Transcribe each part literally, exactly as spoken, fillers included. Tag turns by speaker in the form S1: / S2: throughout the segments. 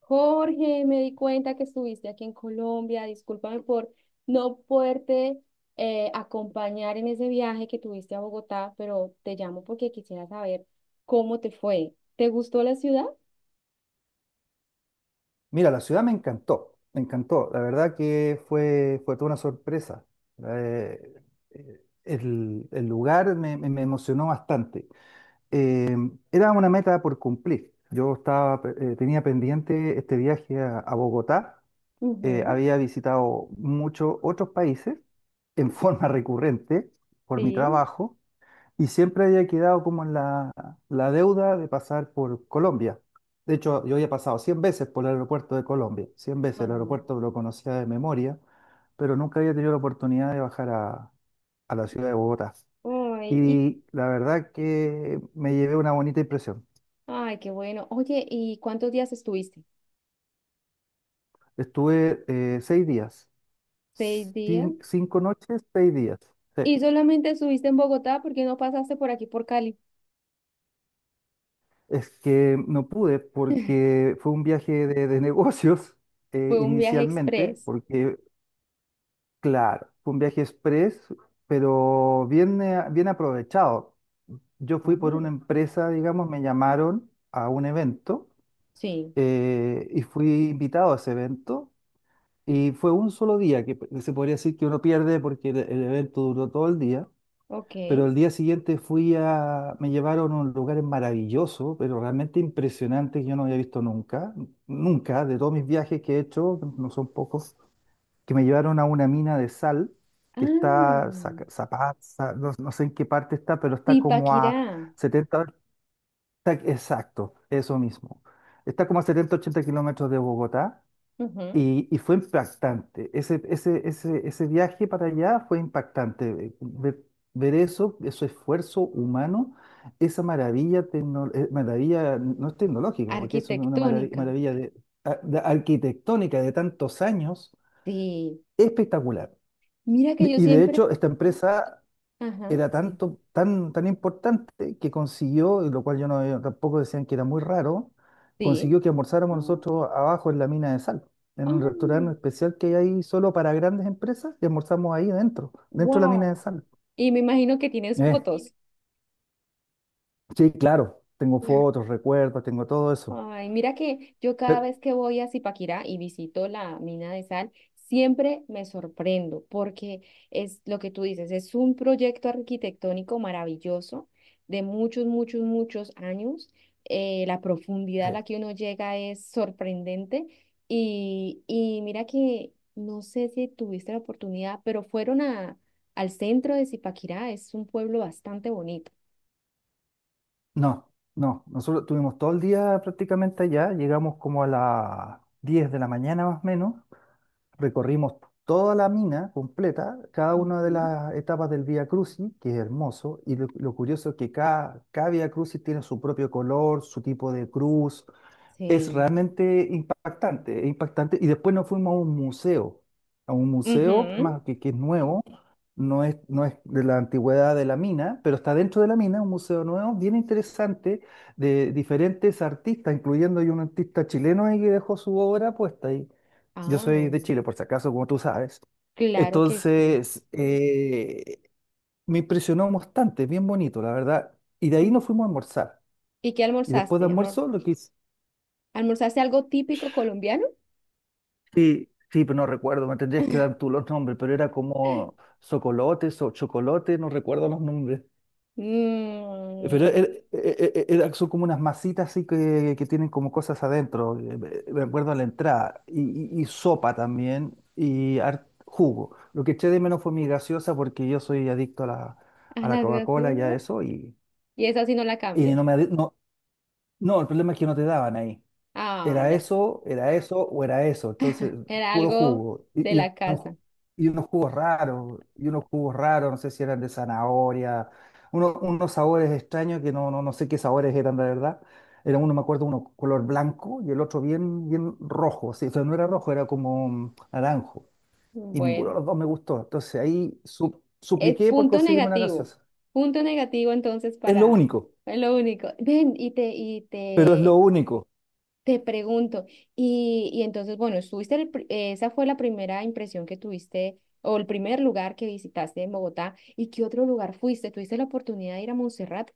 S1: Jorge, me di cuenta que estuviste aquí en Colombia. Discúlpame por no poderte eh, acompañar en ese viaje que tuviste a Bogotá, pero te llamo porque quisiera saber cómo te fue. ¿Te gustó la ciudad?
S2: Mira, la ciudad me encantó, me encantó. La verdad que fue, fue toda una sorpresa. Eh, eh, el, el lugar me, me- me emocionó bastante. Eh, Era una meta por cumplir. Yo estaba, eh, tenía pendiente este viaje a, a Bogotá. Eh,
S1: Ujú.
S2: había visitado muchos otros países en forma recurrente por mi
S1: Sí.
S2: trabajo y siempre había quedado como en la, la deuda de pasar por Colombia. De hecho, yo había pasado cien veces por el aeropuerto de Colombia, cien veces el
S1: Ajá.
S2: aeropuerto lo conocía de memoria, pero nunca había tenido la oportunidad de bajar a, a la ciudad de Bogotá.
S1: Ay, ¿y
S2: Y la verdad que me llevé una bonita impresión.
S1: ay, qué bueno? Oye, ¿y cuántos días estuviste?
S2: Estuve eh, seis días,
S1: ¿Seis días?
S2: cin- cinco noches, seis días. Sí.
S1: ¿Y solamente estuviste en Bogotá? ¿Por qué no pasaste por aquí por Cali?
S2: Es que no pude porque fue un viaje de, de negocios eh,
S1: Fue un viaje
S2: inicialmente,
S1: express.
S2: porque. Claro, fue un viaje express, pero bien, eh, bien aprovechado. Yo fui por una
S1: Ah.
S2: empresa, digamos, me llamaron a un evento
S1: Sí,
S2: eh, y fui invitado a ese evento y fue un solo día que p- se podría decir que uno pierde porque el, el evento duró todo el día, pero
S1: ok.
S2: el día siguiente fui a, me llevaron a un lugar maravilloso, pero realmente impresionante que yo no había visto nunca, nunca, de todos mis viajes que he hecho, no son pocos, que me llevaron a una mina de sal
S1: Ah,
S2: que está, Zaca- Zapaz, Za- no, no sé en qué parte está, pero está como
S1: Tipaquirá.
S2: a setenta, hor- está- exacto, eso mismo. Está como a setenta, ochenta kilómetros de Bogotá
S1: Ujú.
S2: y, y fue impactante. Ese, ese, ese, ese viaje para allá fue impactante. eh, Ver, ver eso, ese esfuerzo humano, esa maravilla, tecno- eh, maravilla no es tecnológica, porque es una marav-
S1: Arquitectónica.
S2: maravilla de- a- de arquitectónica de tantos años,
S1: Sí.
S2: espectacular.
S1: Mira que
S2: De-
S1: yo
S2: Y de
S1: siempre.
S2: hecho, esta empresa
S1: Ajá,
S2: era
S1: sí.
S2: tanto, tan, tan importante que consiguió, y lo cual yo no, tampoco decían que era muy raro,
S1: Sí.
S2: consiguió que almorzáramos
S1: Ah,
S2: nosotros abajo en la mina de sal, en un restaurante
S1: ay,
S2: especial que hay ahí solo para grandes empresas, y almorzamos ahí dentro, dentro de la mina de
S1: wow.
S2: sal.
S1: Y me imagino que tienes
S2: Eh,
S1: fotos.
S2: sí, claro, tengo fotos, recuerdos, tengo todo eso.
S1: Ay, mira que yo cada
S2: Pero,
S1: vez que voy a Zipaquirá y visito la mina de sal, siempre me sorprendo porque es lo que tú dices, es un proyecto arquitectónico maravilloso de muchos, muchos, muchos años. Eh, la profundidad a la
S2: eh,
S1: que uno llega es sorprendente y, y mira que no sé si tuviste la oportunidad, pero fueron a, al centro de Zipaquirá, es un pueblo bastante bonito.
S2: no, no, nosotros tuvimos todo el día prácticamente allá, llegamos como a las diez de la mañana más o menos. Recorrimos toda la mina completa, cada una de
S1: Ujú.
S2: las etapas del Vía Crucis, que es hermoso, y lo, lo curioso es que cada, cada Vía Crucis tiene su propio color, su tipo de cruz. Es
S1: Sí.
S2: realmente impactante, es impactante. Y después nos fuimos a un museo, a un museo
S1: Ujú.
S2: más que, que es nuevo, no es, no es de la antigüedad de la mina, pero está dentro de la mina, un museo nuevo, bien interesante, de diferentes artistas, incluyendo hay un artista chileno ahí que dejó su obra puesta ahí. Yo soy
S1: Ah.
S2: de Chile, por si acaso, como tú sabes.
S1: Claro que sí.
S2: Entonces, eh, me impresionó bastante, bien bonito, la verdad. Y de ahí nos fuimos a almorzar.
S1: ¿Y qué
S2: Y después de
S1: almorzaste, amor?
S2: almuerzo, lo que hice-
S1: ¿Almorzaste algo típico colombiano?
S2: Sí, sí, pero no recuerdo, me tendrías que dar tú los nombres, pero era como socolotes o chocolate, no recuerdo los nombres. Pero
S1: Mm,
S2: er- er- er- son como unas masitas así que, que tienen como cosas adentro, eh, me me acuerdo a la entrada, y, y- y sopa también, y har- jugo. Lo que eché de menos fue mi gaseosa porque yo soy adicto a la,
S1: a
S2: a la
S1: las
S2: Coca-Cola y a
S1: graciosas.
S2: eso, y,
S1: Y esa sí no la
S2: y
S1: cambias.
S2: no me, adi- no, no, el problema es que no te daban ahí.
S1: Ah,
S2: Era
S1: ya.
S2: eso, era eso o era eso. Entonces,
S1: Era
S2: puro
S1: algo
S2: jugo.
S1: de
S2: Y, y
S1: la
S2: unos,
S1: casa.
S2: ju- y unos jugos raros, y unos jugos raros, no sé si eran de zanahoria, uno- unos sabores extraños que no, no, no sé qué sabores eran de verdad. Era uno, me acuerdo, uno color blanco y el otro bien, bien rojo. Sí, o sea, no era rojo, era como mm, naranjo. Y ninguno de
S1: Bueno,
S2: los dos me gustó. Entonces ahí su-
S1: es
S2: supliqué por
S1: punto
S2: conseguirme una
S1: negativo.
S2: gaseosa.
S1: Punto negativo entonces
S2: Es lo
S1: para
S2: único,
S1: es lo único. Ven, y te, y
S2: pero es lo
S1: te,
S2: único.
S1: te pregunto, y, y entonces, bueno, estuviste, el pri- eh, esa fue la primera impresión que tuviste, o el primer lugar que visitaste en Bogotá, ¿y qué otro lugar fuiste? ¿Tuviste la oportunidad de ir a Montserrat?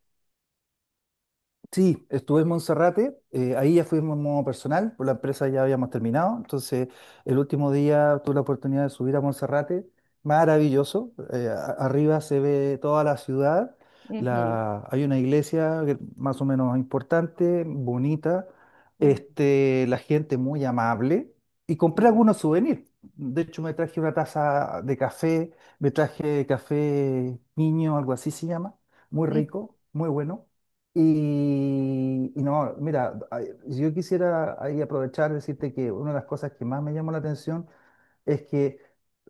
S2: Sí, estuve en Monserrate, eh, ahí ya fuimos en modo personal, por la empresa ya habíamos terminado, entonces el último día tuve la oportunidad de subir a Monserrate, maravilloso, eh, a- arriba se ve toda la ciudad,
S1: Ujú,
S2: la, hay una iglesia que- más o menos importante, bonita,
S1: ujú,
S2: este, la gente muy amable y
S1: sí,
S2: compré algunos souvenirs, de hecho me traje una taza de café, me traje café niño, algo así se llama, muy
S1: mm,
S2: rico, muy bueno. Y, y no, mira, ay, yo quisiera ahí aprovechar, decirte que una de las cosas que más me llamó la atención es que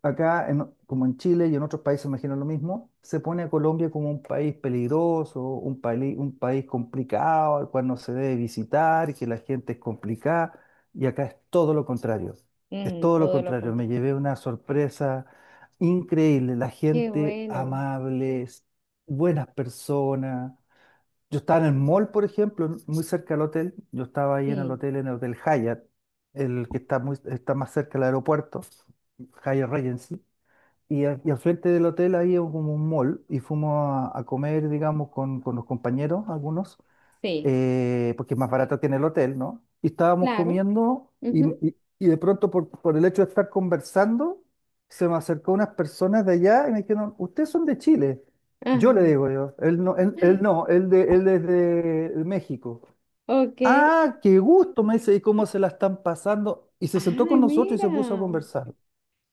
S2: acá, en- como en Chile y en otros países, imagino lo mismo, se pone a Colombia como un país peligroso, un país, un país complicado, al cual no se debe visitar, y que la gente es complicada, y acá es todo lo contrario, es
S1: mm,
S2: todo lo
S1: todo lo
S2: contrario, me
S1: contrario.
S2: llevé una sorpresa increíble, la
S1: Qué
S2: gente
S1: bueno,
S2: amable, buenas personas. Yo estaba en el mall, por ejemplo, en- muy cerca del hotel. Yo estaba ahí en el
S1: sí,
S2: hotel, en el Hotel Hyatt, el que está, muy, está más cerca del aeropuerto, Hyatt Regency. Y, al y al frente del hotel ahí es como un mall y fuimos a, a comer, digamos, con, con los compañeros, algunos
S1: sí,
S2: eh, porque es más barato que en el hotel, ¿no? Y estábamos
S1: claro.
S2: comiendo y,
S1: Ujú.
S2: y- y de pronto por, por el hecho de estar conversando, se me acercó unas personas de allá y me dijeron, ¿ustedes son de Chile? Yo le
S1: Ah,
S2: digo yo, él no, él, él no, él, de, él es de México.
S1: ok,
S2: Ah, qué gusto, me dice, ¿y cómo se la están pasando? Y se sentó
S1: ay,
S2: con nosotros y se
S1: mira.
S2: puso a conversar.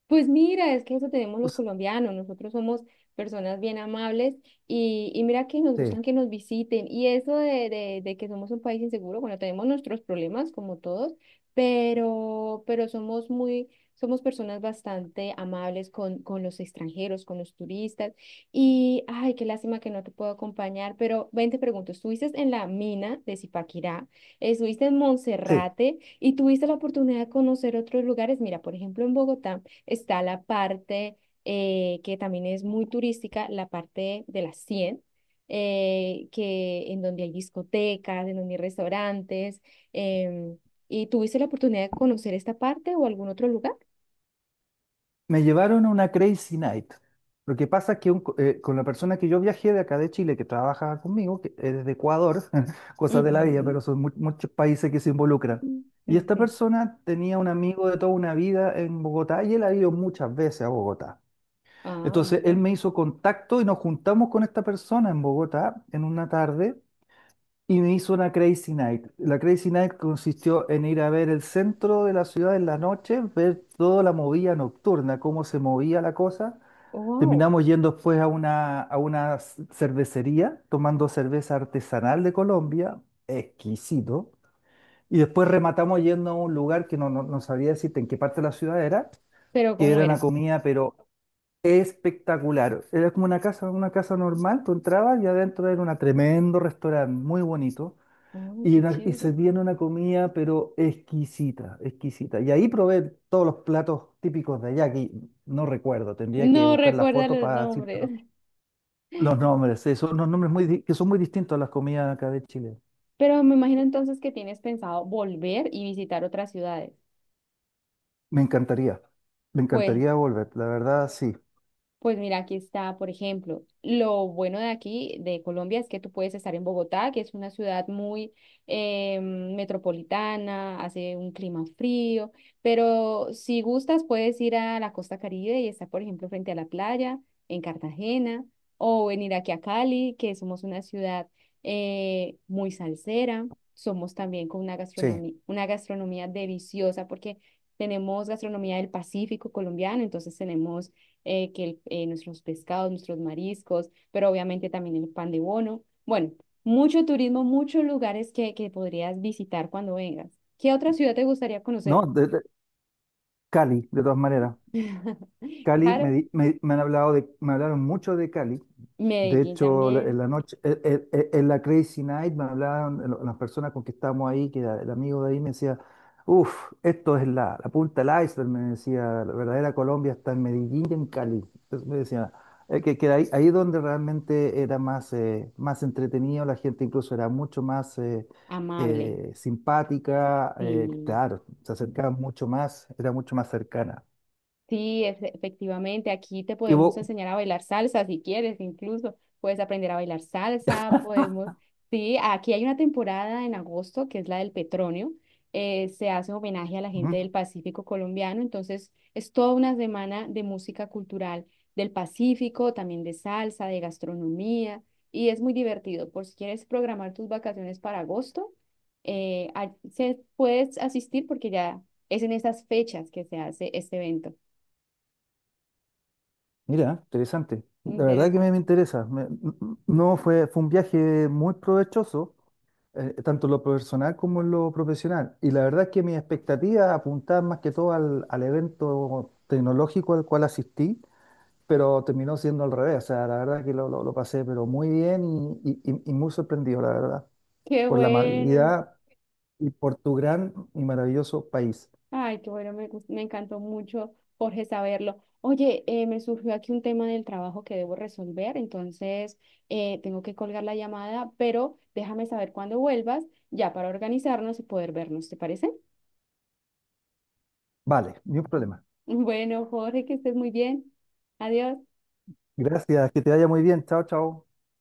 S1: Pues mira, es que eso tenemos los
S2: Pues,
S1: colombianos, nosotros somos personas bien amables y, y mira que nos
S2: sí,
S1: gustan que nos visiten y eso de, de, de que somos un país inseguro, bueno, tenemos nuestros problemas como todos, pero, pero somos muy, somos personas bastante amables con, con los extranjeros, con los turistas y, ay, qué lástima que no te puedo acompañar, pero ven, te pregunto, estuviste en la mina de Zipaquirá, estuviste en
S2: sí.
S1: Monserrate y tuviste la oportunidad de conocer otros lugares, mira, por ejemplo, en Bogotá. Está la parte eh, que también es muy turística, la parte de las cien eh, que, en donde hay discotecas, en donde hay restaurantes. em, ¿Y tuviste la oportunidad de conocer esta parte o algún otro lugar?
S2: Me llevaron a una Crazy Night. Lo que pasa es que un co- eh, con la persona que yo viajé de acá de Chile, que trabaja conmigo, que es de Ecuador, cosas de la vida,
S1: Ujú.
S2: pero son mu- muchos países que se involucran. Y
S1: Mm,
S2: esta
S1: sí.
S2: persona tenía un amigo de toda una vida en Bogotá y él ha ido muchas veces a Bogotá.
S1: Ah, muy
S2: Entonces él
S1: bien.
S2: me hizo contacto y nos juntamos con esta persona en Bogotá en una tarde y me hizo una Crazy Night. La Crazy Night consistió en ir a ver el centro de la ciudad en la noche, ver toda la movida nocturna, cómo se movía la cosa.
S1: Wow.
S2: Terminamos yendo después a una, a una c- cervecería, tomando cerveza artesanal de Colombia, exquisito. Y después rematamos yendo a un lugar que no, no, no sabría decirte en qué parte de la ciudad era,
S1: Pero
S2: que
S1: ¿cómo
S2: era una
S1: era?
S2: comida, pero espectacular. Era como una casa, una casa normal, tú entrabas y adentro era un tremendo restaurante, muy bonito
S1: Oh,
S2: y,
S1: qué
S2: una- y
S1: chévere.
S2: servían una comida, pero exquisita, exquisita. Y ahí probé todos los platos típicos de allá, que no recuerdo, tendría que
S1: No
S2: buscar la
S1: recuerda
S2: foto
S1: los
S2: para decir pero
S1: nombres.
S2: los nombres. Sí, son unos nombres muy, di- que son muy distintos a las comidas acá de Chile.
S1: Pero me imagino entonces que tienes pensado volver y visitar otras ciudades.
S2: Me encantaría, me
S1: Pues
S2: encantaría volver, la verdad, sí,
S1: pues mira, aquí está, por ejemplo, lo bueno de aquí, de Colombia, es que tú puedes estar en Bogotá, que es una ciudad muy eh, metropolitana, hace un clima frío, pero si gustas puedes ir a la costa Caribe y estar, por ejemplo, frente a la playa, en Cartagena, o venir aquí a Cali, que somos una ciudad eh, muy salsera, somos también con una
S2: sí.
S1: gastronomía, una gastronomía deliciosa, porque tenemos gastronomía del Pacífico colombiano, entonces tenemos eh, que el- eh, nuestros pescados, nuestros mariscos, pero obviamente también el pan de bono. Bueno, mucho turismo, muchos lugares que, que podrías visitar cuando vengas. ¿Qué otra ciudad te gustaría conocer?
S2: ¿No? De, de- Cali, de todas maneras. Cali, me,
S1: Claro,
S2: di- me, me han hablado de, me hablaron mucho de Cali. De
S1: Medellín
S2: hecho, la- en
S1: también,
S2: la noche, e- e- e- en, la Crazy Night me hablaban lo- las personas con que estábamos ahí, que era el amigo de ahí me decía, uff, esto es la, la punta del iceberg, me decía, la verdadera Colombia está en Medellín y en Cali. Entonces me decía, eh, que, que ahí, ahí es donde realmente era más, eh, más entretenido, la gente incluso era mucho más eh,
S1: amable.
S2: eh, simpática, eh,
S1: Sí.
S2: claro, se acercaba mucho más, era mucho más cercana.
S1: Sí, efe- efectivamente, aquí te
S2: Que
S1: podemos
S2: vos-
S1: enseñar a bailar salsa si quieres, incluso puedes aprender a bailar salsa, podemos, sí, aquí hay una temporada en agosto que es la del petróleo, eh, se hace homenaje a la gente del Pacífico colombiano, entonces es toda una semana de música cultural del Pacífico, también de salsa, de gastronomía, y es muy divertido, por si quieres programar tus vacaciones para agosto, eh, a- se, puedes asistir porque ya es en esas fechas que se hace este evento.
S2: Mira, interesante. La verdad que me,
S1: Interesante.
S2: me interesa. Me- m- m- no fue, fue un viaje muy provechoso, eh, tanto en lo personal como en lo profesional. Y la verdad es que mis expectativas apuntaban más que todo al, al evento tecnológico al cual asistí, pero terminó siendo al revés. O sea, la verdad que lo, lo- lo pasé, pero muy bien y, y- y- y muy sorprendido, la verdad,
S1: Qué
S2: por la
S1: bueno.
S2: amabilidad y por tu gran y maravilloso país.
S1: Ay, qué bueno, me, gust- me encantó mucho, Jorge, saberlo. Oye, eh, me surgió aquí un tema del trabajo que debo resolver, entonces eh, tengo que colgar la llamada, pero déjame saber cuándo vuelvas, ya para organizarnos y poder vernos, ¿te parece?
S2: Vale, ni un problema.
S1: Bueno, Jorge, que estés muy bien. Adiós.
S2: Gracias, que te vaya muy bien. Chao, chao.